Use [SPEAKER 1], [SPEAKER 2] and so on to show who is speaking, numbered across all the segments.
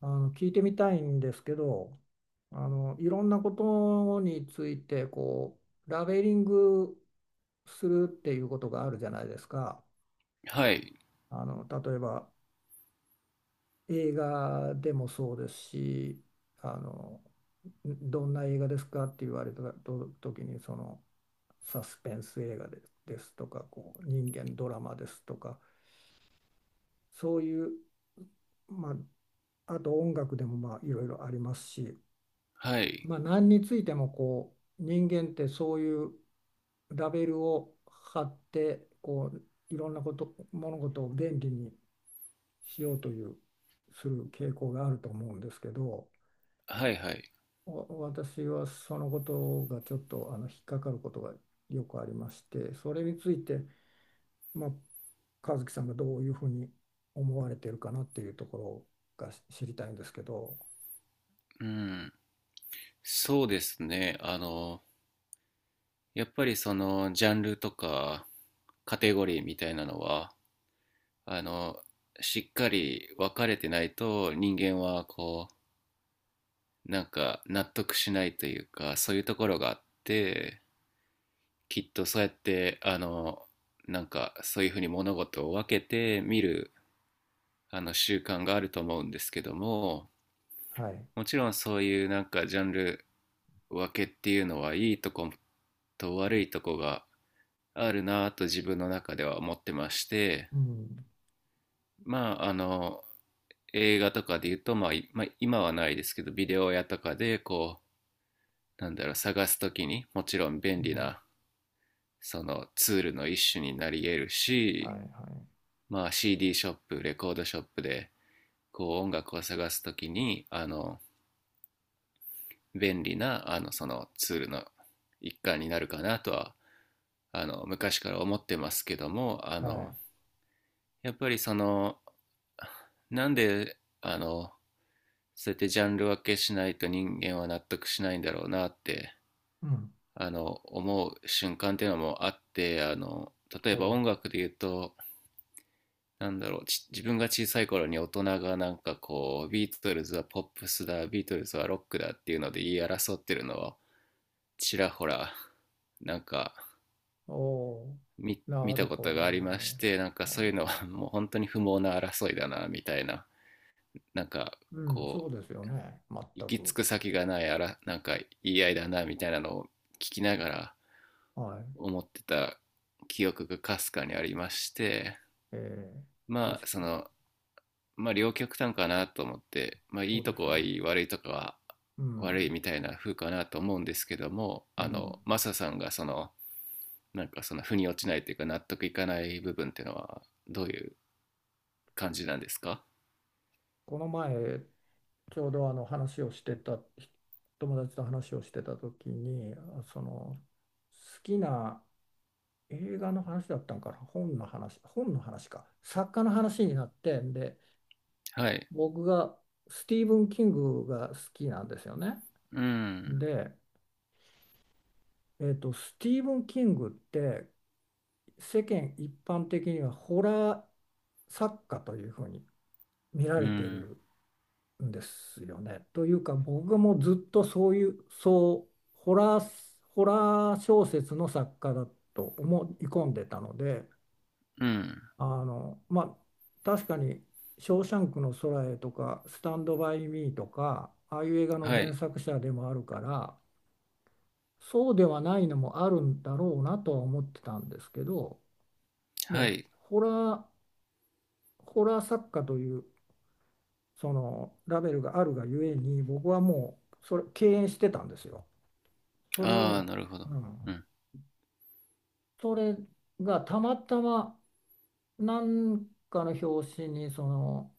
[SPEAKER 1] 聞いてみたいんですけど、いろんなことについてこうラベリングするっていうことがあるじゃないですか。
[SPEAKER 2] はい、
[SPEAKER 1] 例えば、映画でもそうですし、あのどんな映画ですかって言われたと時にその、サスペンス映画ですとか、こう人間ドラマですとか、そういう、まあ、あと音楽でもまあいろいろありますし。
[SPEAKER 2] はい、
[SPEAKER 1] まあ、何についてもこう人間ってそういうラベルを貼って、こういろんな物事を便利にしようというする傾向があると思うんですけど、
[SPEAKER 2] はいはい。
[SPEAKER 1] 私はそのことがちょっと引っかかることがよくありまして、それについて、まあ、和樹さんがどういうふうに思われてるかなっていうところが知りたいんですけど。
[SPEAKER 2] うん。そうですね。やっぱりそのジャンルとかカテゴリーみたいなのは、あの、しっかり分かれてないと人間はこう、なんか納得しないというか、そういうところがあって、きっとそうやって、なんかそういうふうに物事を分けて見る、習慣があると思うんですけども、
[SPEAKER 1] はい。
[SPEAKER 2] もちろんそういうなんかジャンル分けっていうのはいいとこと悪いとこがあるなぁと自分の中では思ってまして、
[SPEAKER 1] うん。
[SPEAKER 2] まあ、映画とかで言うと、まあいまあ今はないですけどビデオ屋とかでこうなんだろう探すときにもちろん
[SPEAKER 1] う
[SPEAKER 2] 便利
[SPEAKER 1] ん。
[SPEAKER 2] なそのツールの一種になり得る
[SPEAKER 1] は
[SPEAKER 2] し、
[SPEAKER 1] いは
[SPEAKER 2] まあ、CD ショップレコードショップでこう音楽を探すときに便利なそのツールの一環になるかなとは昔から思ってますけども、
[SPEAKER 1] い。はい。
[SPEAKER 2] やっぱりその、なんでそうやってジャンル分けしないと人間は納得しないんだろうなって
[SPEAKER 1] うん。
[SPEAKER 2] 思う瞬間っていうのもあって、例
[SPEAKER 1] お
[SPEAKER 2] えば
[SPEAKER 1] う、
[SPEAKER 2] 音楽で言うと、なんだろう、自分が小さい頃に大人がなんかこうビートルズはポップスだビートルズはロックだっていうので言い争ってるのをちらほらなんか
[SPEAKER 1] お
[SPEAKER 2] 見、
[SPEAKER 1] ー、
[SPEAKER 2] 見
[SPEAKER 1] なる
[SPEAKER 2] たこ
[SPEAKER 1] ほ
[SPEAKER 2] とが
[SPEAKER 1] ど
[SPEAKER 2] あり
[SPEAKER 1] ね。
[SPEAKER 2] まして、なんか
[SPEAKER 1] あー、
[SPEAKER 2] そういうのは もう本当に不毛な争いだな、みたいな、なんか
[SPEAKER 1] うん、そ
[SPEAKER 2] こ
[SPEAKER 1] う
[SPEAKER 2] う、
[SPEAKER 1] ですよね。全
[SPEAKER 2] 行き着
[SPEAKER 1] く。
[SPEAKER 2] く先がないあら、なんか言い合いだな、みたいなのを聞きながら
[SPEAKER 1] はい。
[SPEAKER 2] 思ってた記憶がかすかにありまして、
[SPEAKER 1] ええ、
[SPEAKER 2] ま
[SPEAKER 1] 確
[SPEAKER 2] あそ
[SPEAKER 1] かに。
[SPEAKER 2] の、まあ両極端かなと思って、まあい
[SPEAKER 1] そ
[SPEAKER 2] い
[SPEAKER 1] う
[SPEAKER 2] と
[SPEAKER 1] です
[SPEAKER 2] こ
[SPEAKER 1] よ
[SPEAKER 2] は
[SPEAKER 1] ね。
[SPEAKER 2] いい、悪いとこは
[SPEAKER 1] う
[SPEAKER 2] 悪い
[SPEAKER 1] ん。
[SPEAKER 2] みたいな風かなと思うんですけども、
[SPEAKER 1] うん。
[SPEAKER 2] マサさんがその、なんかその腑に落ちないというか納得いかない部分っていうのはどういう感じなんですか？
[SPEAKER 1] この前、ちょうどあの話をしてた、友達と話をしてた時に、好きな映画の話だったんかな。本の話か。作家の話になって、で、
[SPEAKER 2] はい。
[SPEAKER 1] 僕がスティーブン・キングが好きなんですよね。
[SPEAKER 2] うん、
[SPEAKER 1] で、スティーブン・キングって世間一般的にはホラー作家というふうに見ら
[SPEAKER 2] う
[SPEAKER 1] れて
[SPEAKER 2] ん、
[SPEAKER 1] るんですよね。というか僕もずっとそういう、そう、ホラー、ホラー小説の作家だと思い込んでたので、
[SPEAKER 2] うん。
[SPEAKER 1] まあ、確かに「ショーシャンクの空へ」とか「スタンド・バイ・ミー」とかああいう映画の
[SPEAKER 2] は
[SPEAKER 1] 原
[SPEAKER 2] い、
[SPEAKER 1] 作者でもあるから、そうではないのもあるんだろうなとは思ってたんですけど、も
[SPEAKER 2] は
[SPEAKER 1] う
[SPEAKER 2] い。
[SPEAKER 1] ホラー作家というそのラベルがあるがゆえに、僕はもうそれ敬遠してたんですよ。それ
[SPEAKER 2] ああ、
[SPEAKER 1] を、
[SPEAKER 2] なるほ
[SPEAKER 1] う
[SPEAKER 2] ど。う
[SPEAKER 1] ん、
[SPEAKER 2] ん。
[SPEAKER 1] それがたまたま何かの表紙にその、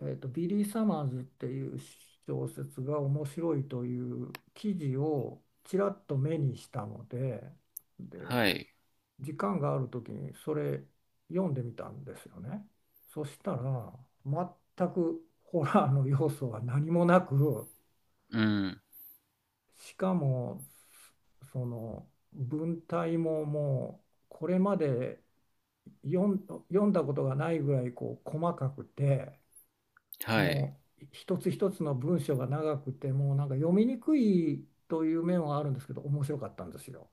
[SPEAKER 1] ビリー・サマーズっていう小説が面白いという記事をちらっと目にしたので、で
[SPEAKER 2] はい。
[SPEAKER 1] 時間がある時にそれ読んでみたんですよね。そしたら全くホラーの要素は何もなく、
[SPEAKER 2] うん。
[SPEAKER 1] しかもその文体も、もうこれまで読んだことがないぐらいこう細かくて、
[SPEAKER 2] はい。
[SPEAKER 1] もう一つ一つの文章が長くて、もうなんか読みにくいという面はあるんですけど、面白かったんですよ。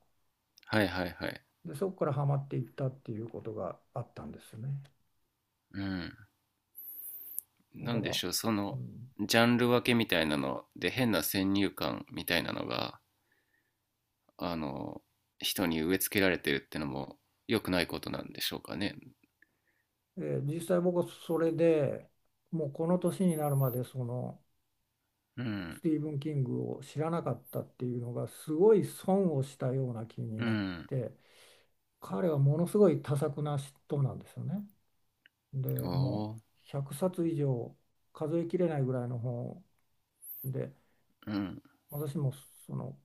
[SPEAKER 2] はいはいはい。
[SPEAKER 1] でそこからハマっていったっていうことがあったんですね。
[SPEAKER 2] うん。
[SPEAKER 1] だ
[SPEAKER 2] な
[SPEAKER 1] か
[SPEAKER 2] んで
[SPEAKER 1] ら、
[SPEAKER 2] しょう、そ
[SPEAKER 1] う
[SPEAKER 2] の、
[SPEAKER 1] ん、
[SPEAKER 2] ジャンル分けみたいなので、変な先入観みたいなのが、あの、人に植え付けられてるってのも良くないことなんでしょうかね。
[SPEAKER 1] で実際、僕はそれでもうこの年になるまでその
[SPEAKER 2] う
[SPEAKER 1] ス
[SPEAKER 2] ん。
[SPEAKER 1] ティーブン・キングを知らなかったっていうのがすごい損をしたような気に
[SPEAKER 2] う
[SPEAKER 1] なっ
[SPEAKER 2] ん。
[SPEAKER 1] て、彼はものすごい多作な人なんですよね。で
[SPEAKER 2] お
[SPEAKER 1] も
[SPEAKER 2] お。
[SPEAKER 1] う100冊以上、数えきれないぐらいの本で、
[SPEAKER 2] うん。
[SPEAKER 1] 私もその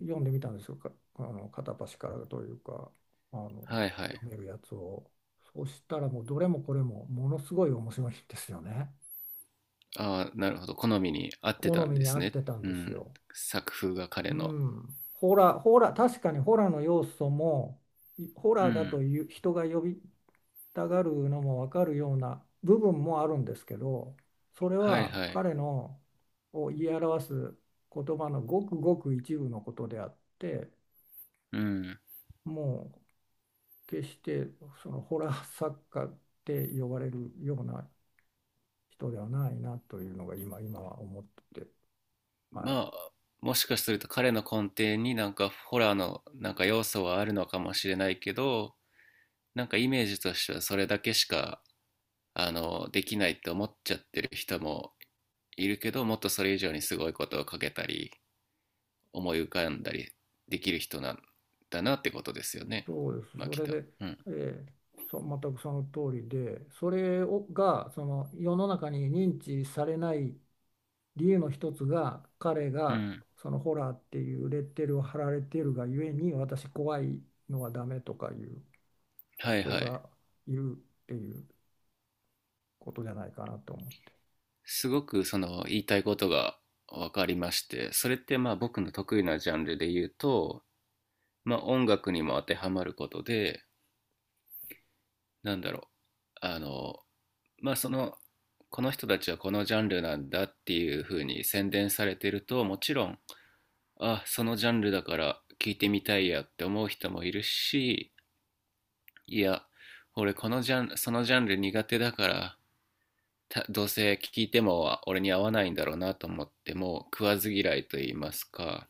[SPEAKER 1] 読んでみたんですよ、か、あの片っ端からというか、あの
[SPEAKER 2] はいはい。
[SPEAKER 1] 読めるやつを。そしたらもうどれもこれもものすごい面白いんですよね。
[SPEAKER 2] ああ、なるほど。好みに合ってた
[SPEAKER 1] 好
[SPEAKER 2] ん
[SPEAKER 1] み
[SPEAKER 2] で
[SPEAKER 1] に合
[SPEAKER 2] す
[SPEAKER 1] っ
[SPEAKER 2] ね。
[SPEAKER 1] てたん
[SPEAKER 2] う
[SPEAKER 1] です
[SPEAKER 2] ん。
[SPEAKER 1] よ。
[SPEAKER 2] 作風が彼
[SPEAKER 1] う
[SPEAKER 2] の。
[SPEAKER 1] ん。ホラー、ホラー、確かにホラーの要素も、いホ
[SPEAKER 2] う
[SPEAKER 1] ラーだ
[SPEAKER 2] ん。
[SPEAKER 1] という人が呼びたがるのも分かるような部分もあるんですけど、それ
[SPEAKER 2] はい
[SPEAKER 1] は
[SPEAKER 2] はい。
[SPEAKER 1] 彼のを言い表す言葉のごくごく一部のことであって、
[SPEAKER 2] うん。
[SPEAKER 1] もう決してそのホラー作家って呼ばれるような人ではないなというのが、今は思ってて、はい、
[SPEAKER 2] まあ、もしかすると彼の根底になんかホラーのなんか要素はあるのかもしれないけど、なんかイメージとしてはそれだけしか、できないって思っちゃってる人もいるけど、もっとそれ以上にすごいことをかけたり、思い浮かんだりできる人なんだなってことですよね。
[SPEAKER 1] そうです。
[SPEAKER 2] まあ、
[SPEAKER 1] そ
[SPEAKER 2] きっ
[SPEAKER 1] れ
[SPEAKER 2] と。
[SPEAKER 1] で、
[SPEAKER 2] うん。
[SPEAKER 1] えーそ全くその通りで、それがその世の中に認知されない理由の一つが、彼
[SPEAKER 2] う
[SPEAKER 1] が
[SPEAKER 2] ん。
[SPEAKER 1] そのホラーっていうレッテルを貼られているがゆえに、私怖いのはダメとかいう
[SPEAKER 2] はい
[SPEAKER 1] 人
[SPEAKER 2] はい。
[SPEAKER 1] がいるっていうことじゃないかなと思って。
[SPEAKER 2] すごくその言いたいことが分かりまして、それってまあ僕の得意なジャンルで言うと、まあ、音楽にも当てはまることで、なんだろう、あのまあ、その、この人たちはこのジャンルなんだっていう風に宣伝されてると、もちろんあ、そのジャンルだから聞いてみたいやって思う人もいるし、いや、俺このジャンそのジャンル苦手だからどうせ聴いても俺に合わないんだろうなと思っても、食わず嫌いと言いますか、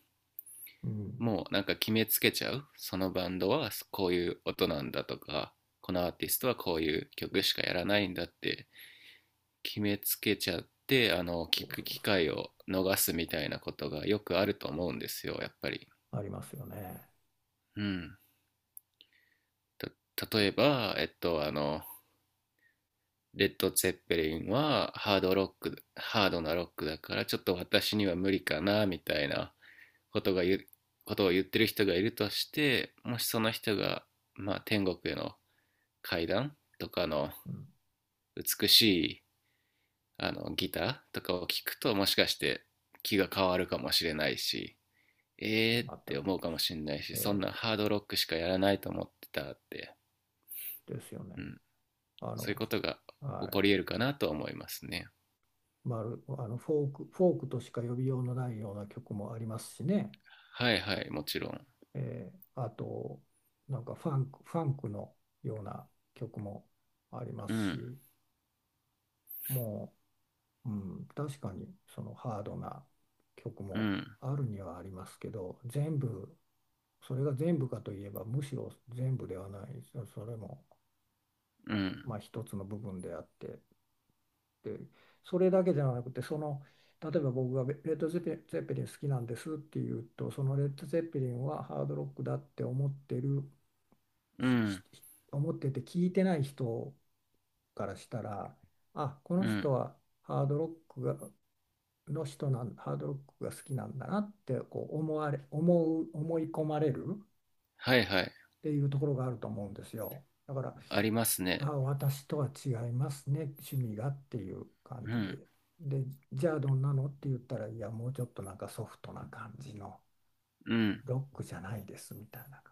[SPEAKER 1] うん、
[SPEAKER 2] もうなんか決めつけちゃう。そのバンドはこういう音なんだとか、このアーティストはこういう曲しかやらないんだって決めつけちゃって、
[SPEAKER 1] そう
[SPEAKER 2] 聞く
[SPEAKER 1] そう
[SPEAKER 2] 機
[SPEAKER 1] そ
[SPEAKER 2] 会
[SPEAKER 1] う。
[SPEAKER 2] を逃すみたいなことがよくあると思うんですよ、やっぱり。
[SPEAKER 1] ありますよね。
[SPEAKER 2] うん。例えば、レッド・ツェッペリンはハードロック、ハードなロックだからちょっと私には無理かな、みたいなことが言う、ことを言ってる人がいるとして、もしその人が、まあ、天国への階段とかの
[SPEAKER 1] うん、
[SPEAKER 2] 美しいギターとかを聴くと、もしかして気が変わるかもしれないし、えーっ
[SPEAKER 1] 全
[SPEAKER 2] て
[SPEAKER 1] く
[SPEAKER 2] 思う
[SPEAKER 1] で
[SPEAKER 2] かも
[SPEAKER 1] す。
[SPEAKER 2] しれないし、そん
[SPEAKER 1] え
[SPEAKER 2] なハードロックしかやらないと思ってたって、
[SPEAKER 1] ですよね。
[SPEAKER 2] うん、
[SPEAKER 1] あ
[SPEAKER 2] そういう
[SPEAKER 1] の、
[SPEAKER 2] ことが起
[SPEAKER 1] はい。
[SPEAKER 2] こり得るかなと思いますね。
[SPEAKER 1] フォークとしか呼びようのないような曲もありますしね。
[SPEAKER 2] はいはい、もちろん。
[SPEAKER 1] あと、なんかファンクのような曲もありま
[SPEAKER 2] う
[SPEAKER 1] す
[SPEAKER 2] ん、
[SPEAKER 1] し、もうん、確かにそのハードな曲
[SPEAKER 2] う
[SPEAKER 1] も
[SPEAKER 2] ん、
[SPEAKER 1] あるにはありますけど、それが全部かといえば、むしろ全部ではない、それも、
[SPEAKER 2] うん、
[SPEAKER 1] まあ、一つの部分であって、それだけじゃなくて例えば、僕がレッド・ゼッペリン好きなんですって言うと、そのレッド・ゼッペリンはハードロックだって
[SPEAKER 2] う
[SPEAKER 1] しし
[SPEAKER 2] ん、
[SPEAKER 1] 思ってて聞いてない人からしたら、あ、この
[SPEAKER 2] うん。
[SPEAKER 1] 人はハードロックがハードロックが好きなんだなって、こう思われ思う思い込まれるっ
[SPEAKER 2] はいはい。
[SPEAKER 1] ていうところがあると思うんですよ。だから、
[SPEAKER 2] あります
[SPEAKER 1] あ、
[SPEAKER 2] ね。
[SPEAKER 1] 私とは違いますね、趣味がっていう感
[SPEAKER 2] う
[SPEAKER 1] じ
[SPEAKER 2] ん、
[SPEAKER 1] で。で、じゃあどんなのって言ったら、いや、もうちょっとなんかソフトな感じの
[SPEAKER 2] うん。
[SPEAKER 1] ロックじゃないですみたいな、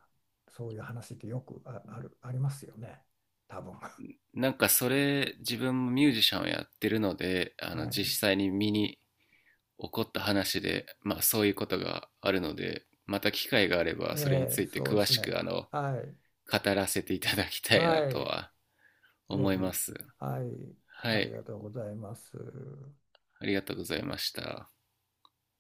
[SPEAKER 1] そういう話ってよくあ、ある、ありますよね、多分。
[SPEAKER 2] なんかそれ自分もミュージシャンをやってるので、
[SPEAKER 1] はい。
[SPEAKER 2] 実際に身に起こった話で、まあ、そういうことがあるので、また機会があれば、それについて
[SPEAKER 1] そうで
[SPEAKER 2] 詳
[SPEAKER 1] す
[SPEAKER 2] しく、
[SPEAKER 1] ね。はい。
[SPEAKER 2] 語らせていただきたいな
[SPEAKER 1] は
[SPEAKER 2] と
[SPEAKER 1] い。
[SPEAKER 2] は
[SPEAKER 1] ぜ
[SPEAKER 2] 思いま
[SPEAKER 1] ひ。
[SPEAKER 2] す。
[SPEAKER 1] はい。
[SPEAKER 2] は
[SPEAKER 1] あり
[SPEAKER 2] い。
[SPEAKER 1] がとうございます。
[SPEAKER 2] ありがとうございました。